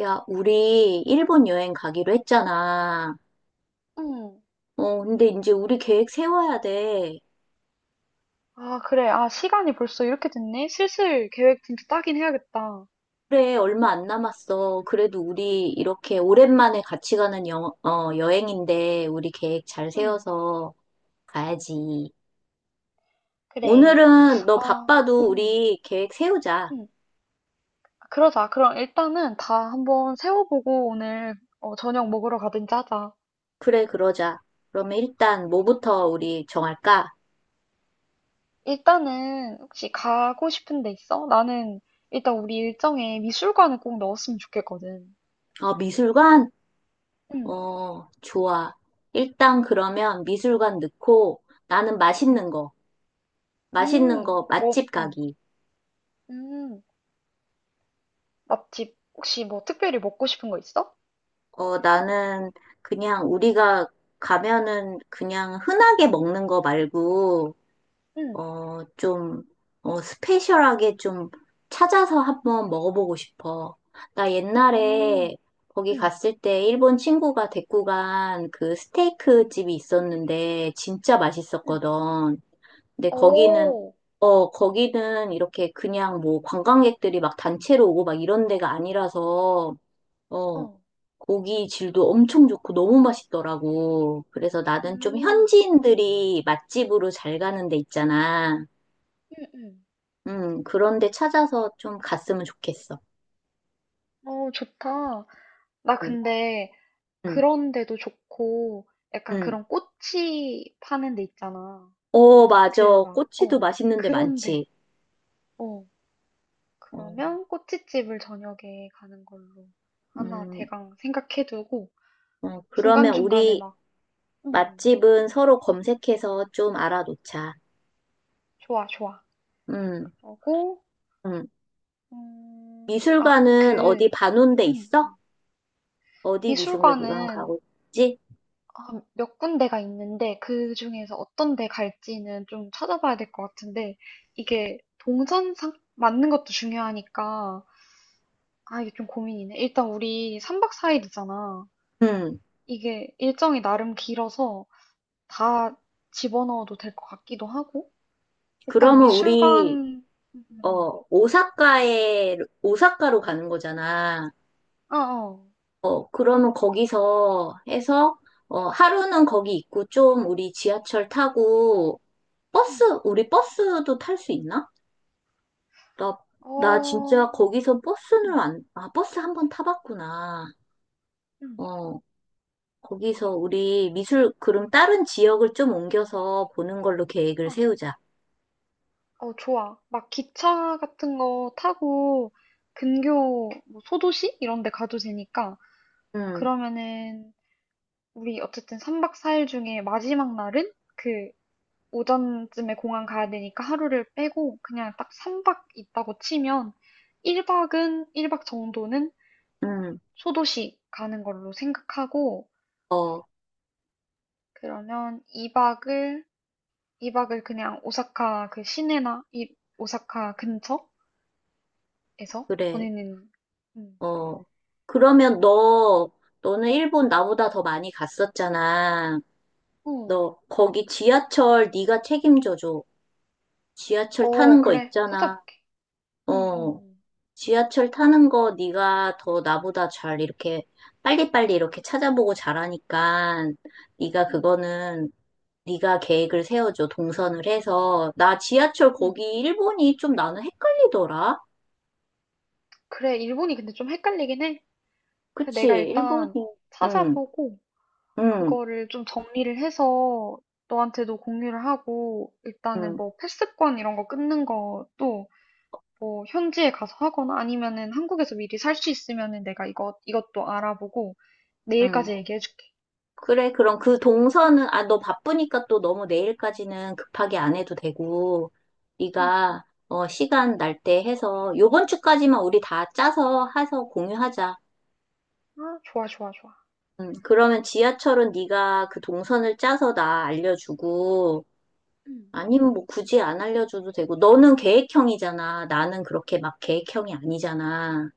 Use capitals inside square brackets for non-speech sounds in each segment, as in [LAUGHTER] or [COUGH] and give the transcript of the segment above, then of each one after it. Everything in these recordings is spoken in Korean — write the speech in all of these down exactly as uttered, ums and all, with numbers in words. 야, 우리 일본 여행 가기로 했잖아. 응. 어, 근데 이제 우리 계획 세워야 돼. 아, 그래. 아, 시간이 벌써 이렇게 됐네? 슬슬 계획 진짜 짜긴 해야겠다. 그래, 얼마 안 남았어. 그래도 우리 이렇게 오랜만에 같이 가는 여, 어, 여행인데 우리 계획 잘 응, 세워서 가야지. 그래. 오늘은 너 아, 바빠도 응, 우리 계획 세우자. 응. 그러자. 그럼 일단은 다 한번 세워보고 오늘 어, 저녁 먹으러 가든지 하자. 그래, 그러자. 그러면 일단 뭐부터 우리 정할까? 일단은 혹시 가고 싶은 데 있어? 나는 일단 우리 일정에 미술관을 꼭 넣었으면 좋겠거든. 어, 미술관? 응, 어, 좋아. 일단 그러면 미술관 넣고 나는 응, 맛있는 거. 맛있는 응. 거 뭐, 맛집 응, 가기. 응. 맛집 혹시 뭐 특별히 먹고 싶은 거 있어? 어, 나는 그냥 우리가 가면은 그냥 흔하게 먹는 거 말고, 응, 어, 좀, 어, 스페셜하게 좀 찾아서 한번 먹어보고 싶어. 나 응, 옛날에 거기 응, 갔을 때 일본 친구가 데리고 간 그 스테이크 응, 집이 있었는데 진짜 응. 맛있었거든. 근데 거기는 오, 어, 거기는 이렇게 그냥 뭐 관광객들이 막 단체로 오고 막 이런 데가 아니라서, 어, 어, 고기 질도 엄청 좋고 너무 맛있더라고. 그래서 나는 좀 음, 현지인들이 맛집으로 잘 가는 데 있잖아. 응, 응. 음, 그런 데 찾아서 좀 갔으면 좋겠어. 어, 좋다. 나 음, 근데 음, 그런데도 좋고, 약간 음. 그런 꼬치 파는 데 있잖아. 어, 맞아. 그 막, 꼬치도 어, 맛있는 데 그런데, 많지. 어, 어, 그러면 꼬치집을 저녁에 가는 걸로 하나 음, 대강 생각해두고, 어, 그러면 중간중간에 우리 막, 음, 맛집은 서로 검색해서 좀 알아놓자. 좋아, 좋아. 음, 그러고, 음. 음, 아, 미술관은 그, 어디 봐놓은 데 음, 있어? 음. 어디 미술관 미술관은 가고 있지? 아, 몇 군데가 있는데 그 중에서 어떤 데 갈지는 좀 찾아봐야 될 것 같은데 이게 동선 상 맞는 것도 중요하니까 아 이게 좀 고민이네. 일단 우리 삼 박 사 일이잖아. 음, 이게 일정이 나름 길어서 다 집어넣어도 될 것 같기도 하고 일단 그러면 우리 미술관 음, 음, 어, 오사카에, 오사카로 가는 거잖아. 음. 어, 어. 어, 그러면 거기서 해서, 어, 하루는 거기 있고, 좀 우리 지하철 타고, 버스, 음. 우리 버스도 탈 수 있나? 나, 나 어, 진짜 거기서 버스는 음, 안, 아, 버스 한번 타봤구나. 음. 어, 거기서 우리 미술, 그럼 다른 지역을 좀 옮겨서 보는 걸로 계획을 세우자. 어, 좋아. 막 기차 같은 거 타고 근교 뭐 소도시 이런 데 가도 되니까 응, 그러면은 우리 어쨌든 삼 박 사 일 중에 마지막 날은 그 오전쯤에 공항 가야 되니까 하루를 빼고 그냥 딱 삼 박 있다고 치면 일 박은 일 박 정도는 응, 소도시 가는 걸로 생각하고 어, 그러면 이 박을 이 박을 그냥 오사카 그 시내나 이 오사카 근처에서 그래. 보내는 음. 어. 그러면 너, 너는 일본 나보다 더 많이 갔었잖아. 어, 너 거기 지하철 네가 책임져줘. 지하철 어 타는 거 그래. 있잖아. 찾아볼게. 응, 어. 응, 지하철 타는 거 네가 더 나보다 잘 이렇게 빨리빨리 이렇게 찾아보고 잘하니까 네가 응. 그거는 네가 계획을 세워줘. 동선을 해서. 나 지하철 응. 응. 거기 일본이 좀 나는 헷갈리더라. 그래. 일본이 근데 좀 헷갈리긴 해. 그 그치? 내가 일본이. 일단 응, 찾아보고 응, 그거를 좀 정리를 해서 너한테도 공유를 하고 일단은 응, 뭐 패스권 이런 거 끊는 것도 뭐 현지에 가서 하거나 아니면은 한국에서 미리 살 수 있으면은 내가 이것 이것도 알아보고 응. 내일까지 얘기해 줄게. 그래, 그럼 그 동선은, 아, 너 바쁘니까 또 너무 내일까지는 급하게 안 해도 되고, 응, 응, 네가, 어, 시간 날 때 해서, 요번 주까지만 우리 다 짜서 해서 공유하자. 아, 좋아, 좋아, 좋아. 음, 그러면 지하철은 네가 그 동선을 짜서 나 알려주고, 응. 아니면 뭐 굳이 안 알려줘도 되고, 너는 계획형이잖아. 나는 그렇게 막 계획형이 아니잖아.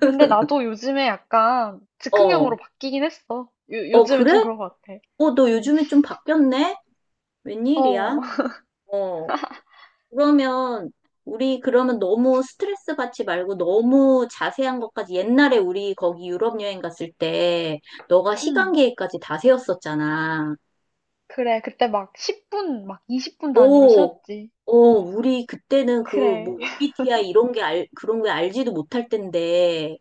근데 나도 요즘에 약간 어, 즉흥형으로 바뀌긴 했어. 요, 어, 요즘에 그래? 좀 그런 것 같아. 어, 너 응. 요즘에 좀 바뀌었네? 어. 웬일이야? [LAUGHS] 어. 그러면 우리 그러면 너무 스트레스 받지 말고 너무 자세한 것까지 옛날에 우리 거기 유럽 여행 갔을 때 너가 응. 시간 계획까지 다 세웠었잖아. 그래. 그때 막 십 분, 막 이십 분 단위로 오, 세웠지. 어, 우리 그때는 그 그래. 뭐 [LAUGHS] 엠비티아이 이런 게 알, 그런 게 알지도 못할 텐데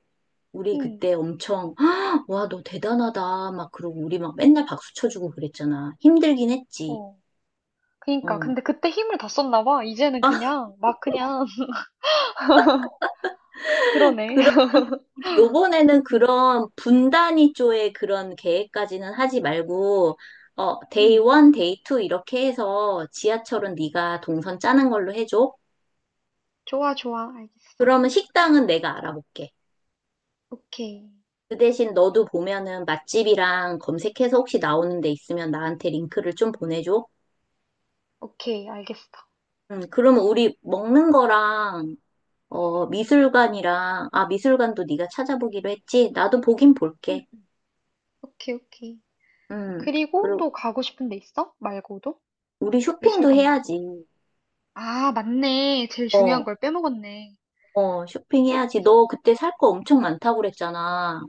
우리 응. 그때 엄청 "헉, 와, 너 대단하다 막 그러고 우리 막 맨날 박수 쳐주고 그랬잖아. 힘들긴 했지. 어. 그니까. 근데 어. 그때 힘을 다 썼나 봐. 이제는 그냥, 막 그냥, [LAUGHS] 그러네. [LAUGHS] 우리 요번에는 응. 그런 분단위 쪽의 그런 계획까지는 하지 말고, 어, 데이 응. 원, 데이 투 이렇게 해서 지하철은 네가 동선 짜는 걸로 해줘. 좋아, 좋아. 알겠어. 그러면 식당은 내가 알아볼게. 오케이. 그 대신 너도 보면은 맛집이랑 검색해서 혹시 나오는 데 있으면 나한테 링크를 좀 보내줘. 오케이. 알겠어. 음, 그러면 우리 먹는 거랑 어, 미술관이랑 아, 미술관도 네가 찾아보기로 했지. 나도 보긴 응, 볼게. 응. 오케이, 오케이. 음. 그리고 또 그리고 가고 싶은 데 있어? 말고도? 우리 쇼핑도 미술관 말고도. 해야지. 아, 맞네. 제일 중요한 어, 걸 빼먹었네. 어, 쇼핑해야지. 쇼핑. 너 그때 살 거 엄청 음. 많다고 그랬잖아.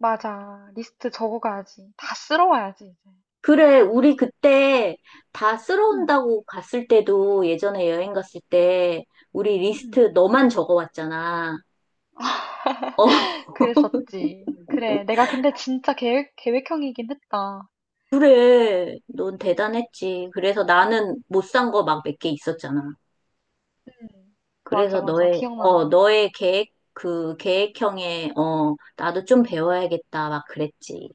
맞아. 리스트 적어가야지. 다 쓸어와야지, 이제. 그래, 우리 그때 다 응. 쓸어온다고 갔을 때도 예전에 여행 갔을 때 우리 응. 리스트 너만 적어왔잖아. 어, [LAUGHS] 그랬었지. 그래. 내가 근데 진짜 계획, 계획형이긴 했다. 그래. 넌 대단했지. 그래서 나는 못 산 거 막 몇 개 있었잖아. 음. 맞아, 그래서 맞아. 너의, 어, 기억난다. 너의 계획, 그 계획형에, 어, 나도 좀 배워야겠다. 막 그랬지.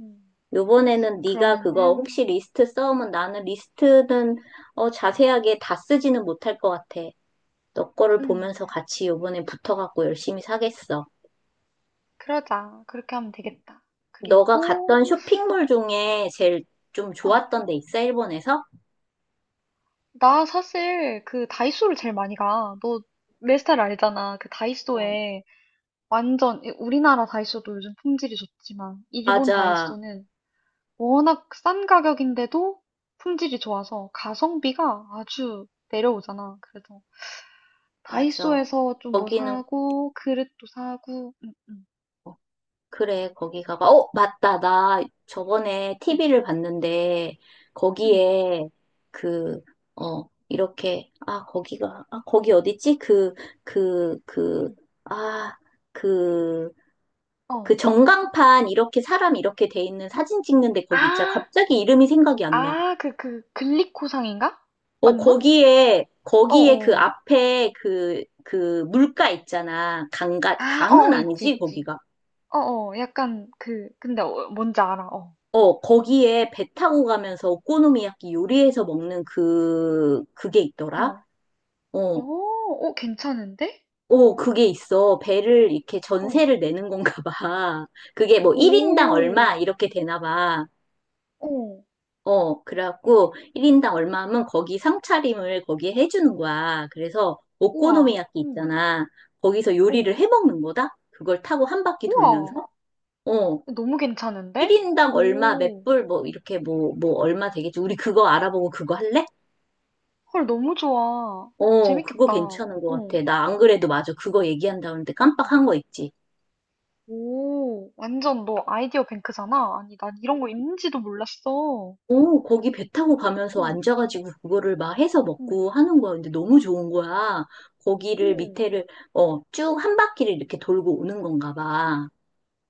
음. 요번에는 네가 그거 혹시 그러면은, 리스트 써오면 나는 리스트는 어, 자세하게 다 쓰지는 못할 것 같아. 너 거를 음, 보면서 같이 요번에 붙어갖고 열심히 사겠어. 그러자. 그렇게 하면 되겠다. 너가 그리고, 갔던 쇼핑몰 중에 제일 좀 아, 좋았던 데 있어, 일본에서? 나 사실 그 다이소를 제일 많이 가. 너 내 스타일 알잖아. 그 어. 다이소에 완전, 이- 우리나라 다이소도 요즘 품질이 좋지만, 일본 맞아, 다이소는 워낙 싼 가격인데도 품질이 좋아서 가성비가 아주 내려오잖아. 그래서 맞아. 다이소에서 좀 뭐 거기는 사고, 그릇도 사고, 음, 음, 그래, 거기 가봐. 어, 맞다. 나 저번에 응, 티비를 봤는데, 응, 응. 거기에 그, 어, 이렇게, 아, 거기가, 아, 거기 어딨지? 그, 그, 그, 응, 아, 그, 응. 그 어. 전광판 이렇게 사람 이렇게 돼 있는 사진 찍는데 거기 있잖아. 아, 갑자기 이름이 생각이 안 나. 아, 그, 그, 글리코상인가? 어, 맞나? 거기에, 거기에 그 어어. 앞에 그, 그 물가 있잖아. 강가, 아, 강은 어어, 있지, 아니지, 있지. 거기가. 어어, 약간 그, 근데 어, 뭔지 알아, 어. 어, 거기에 배 타고 가면서 오코노미야끼 요리해서 먹는 그, 그게 있더라? 어, 어, 어, 어, 괜찮은데? 어, 그게 있어. 배를 이렇게 어, 전세를 내는 건가 봐. [LAUGHS] 그게 뭐 일 인당 오, 얼마? 이렇게 되나 봐. 어, 어, 그래갖고 일 인당 얼마 하면 거기 상차림을 거기에 해주는 거야. 그래서 우와, 오코노미야끼 응, 있잖아. 거기서 요리를 어, 해 먹는 거다? 그걸 타고 한 바퀴 우와, 돌면서? 어. 너무 괜찮은데? 일 인당 얼마, 몇 오, 불, 뭐, 이렇게 뭐, 뭐, 얼마 되겠지. 우리 그거 알아보고 그거 할래? 헐, 너무 좋아. 어, 그거 재밌겠다. 괜찮은 것 어. 같아. 나 안 그래도 맞아. 그거 얘기한다는데 응. 깜빡한 거 있지. 오, 완전 너 아이디어 뱅크잖아? 아니, 난 이런 거 있는지도 몰랐어. 어, 거기 배 타고 음, 가면서 음, 앉아가지고 그거를 막 해서 먹고 하는 거야. 근데 너무 좋은 거야. 거기를 음. 밑에를, 어, 쭉 한 바퀴를 이렇게 돌고 오는 건가 봐.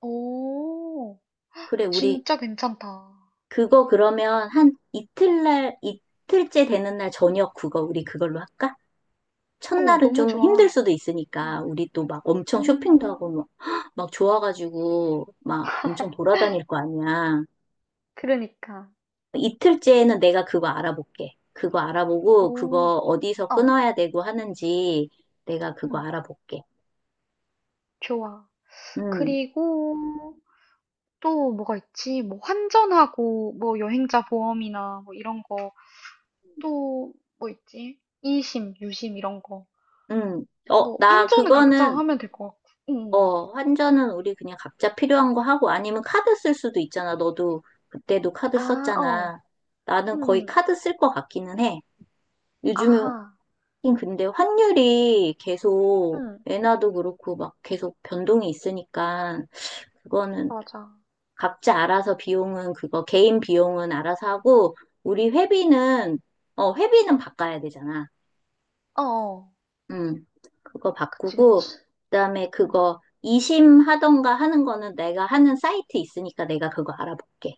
오, 그래, 우리 진짜 괜찮다. 어, 그거 그러면 한 이틀날, 이틀째 되는 날 저녁 그거 우리 그걸로 할까? 첫날은 너무 좀 힘들 좋아. 수도 있으니까 음, 우리 또 막 엄청 쇼핑도 음, 하고 막, 막 좋아가지고 막 엄청 돌아다닐 거 아니야. 그러니까. 이틀째에는 내가 그거 알아볼게. 그거 알아보고 오, 그거 어디서 어, 끊어야 되고 하는지 내가 그거 음, 알아볼게. 좋아. 음, 그리고 또 뭐가 있지? 뭐 환전하고, 뭐 여행자 보험이나 뭐 이런 거, 또 뭐 있지? 이심, 유심 이런 거. 음. 어, 뭐 나 환전은 각자 그거는 하면 될 것 같고. 응 어, 환전은 우리 그냥 각자 필요한 거 하고 아니면 카드 쓸 수도 있잖아. 너도 그때도 카드 아, 어. 썼잖아. 나는 거의 응. 카드 쓸 것 같기는 해. 요즘에 하긴 아하. 근데 환율이 계속 응. 엔화도 그렇고 막 계속 변동이 있으니까 그거는 맞아. 각자 알아서 비용은 그거 개인 비용은 알아서 하고 우리 응. 회비는 어 회비는 어. 바꿔야 되잖아. 어어. 음. 그거 그치, 그치. 바꾸고 그다음에 응. 그거 이심하던가 하는 거는 내가 하는 사이트 있으니까 내가 그거 알아볼게.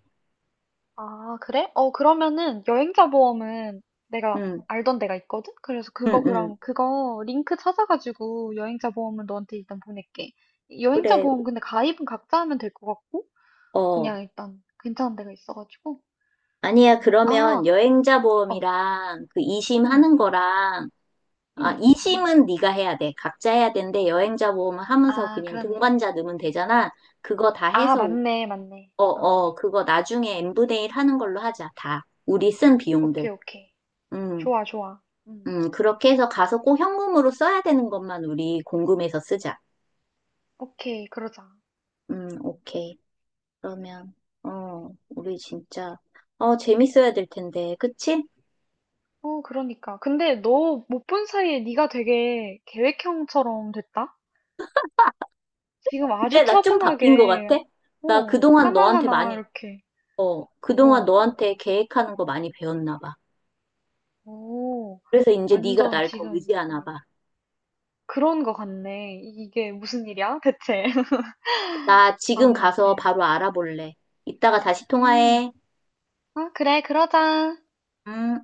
아, 그래? 어, 그러면은 여행자 보험은 내가 음. 알던 데가 있거든? 그래서 음, 그거 음. 그럼 그거 링크 찾아가지고 여행자 보험은 너한테 일단 보낼게. 여행자 그래. 보험 근데 가입은 각자 하면 될 것 같고 어. 그냥 일단 괜찮은 데가 있어가지고. 응, 아니야. 응. 그러면 아, 여행자 어. 보험이랑 그 응, 이심하는 응. 거랑 아, 응. 이심은 네가 해야 돼. 각자 해야 되는데 여행자 보험 하면서 아, 그냥 그러네. 동반자 넣으면 응. 되잖아. 그거 다 아, 해서 맞네, 맞네. 어, 어. 어, 그거 나중에 엠브데일 하는 걸로 하자, 다. 우리 쓴 비용들. 오케이, 오케이. 음, 좋아, 좋아. 음. 음, 그렇게 해서 가서 꼭 현금으로 써야 되는 것만 우리 공금해서 쓰자. 오케이, 그러자. 음, 오케이. 그러면, 어, 우리 진짜, 어, 재밌어야 될 텐데, 그치? 어, 그러니까. 근데 너 못 본 사이에 네가 되게 계획형처럼 됐다? 지금 그래, 아주 나 좀 바뀐 것 차분하게, 같아? 나 어, 그동안 너한테 하나하나 많이, 이렇게, 어, 그동안 어, 너한테 계획하는 거 많이 배웠나 봐. 오, 그래서 이제 네가 완전 날 더 지금, 의지하나 어, 봐. 그런 거 같네. 이게 무슨 일이야, 대체? [LAUGHS] 나 지금 가서 아무튼. 바로 알아볼래. 이따가 다시 음, 통화해. 아, 그래, 그러자. 음.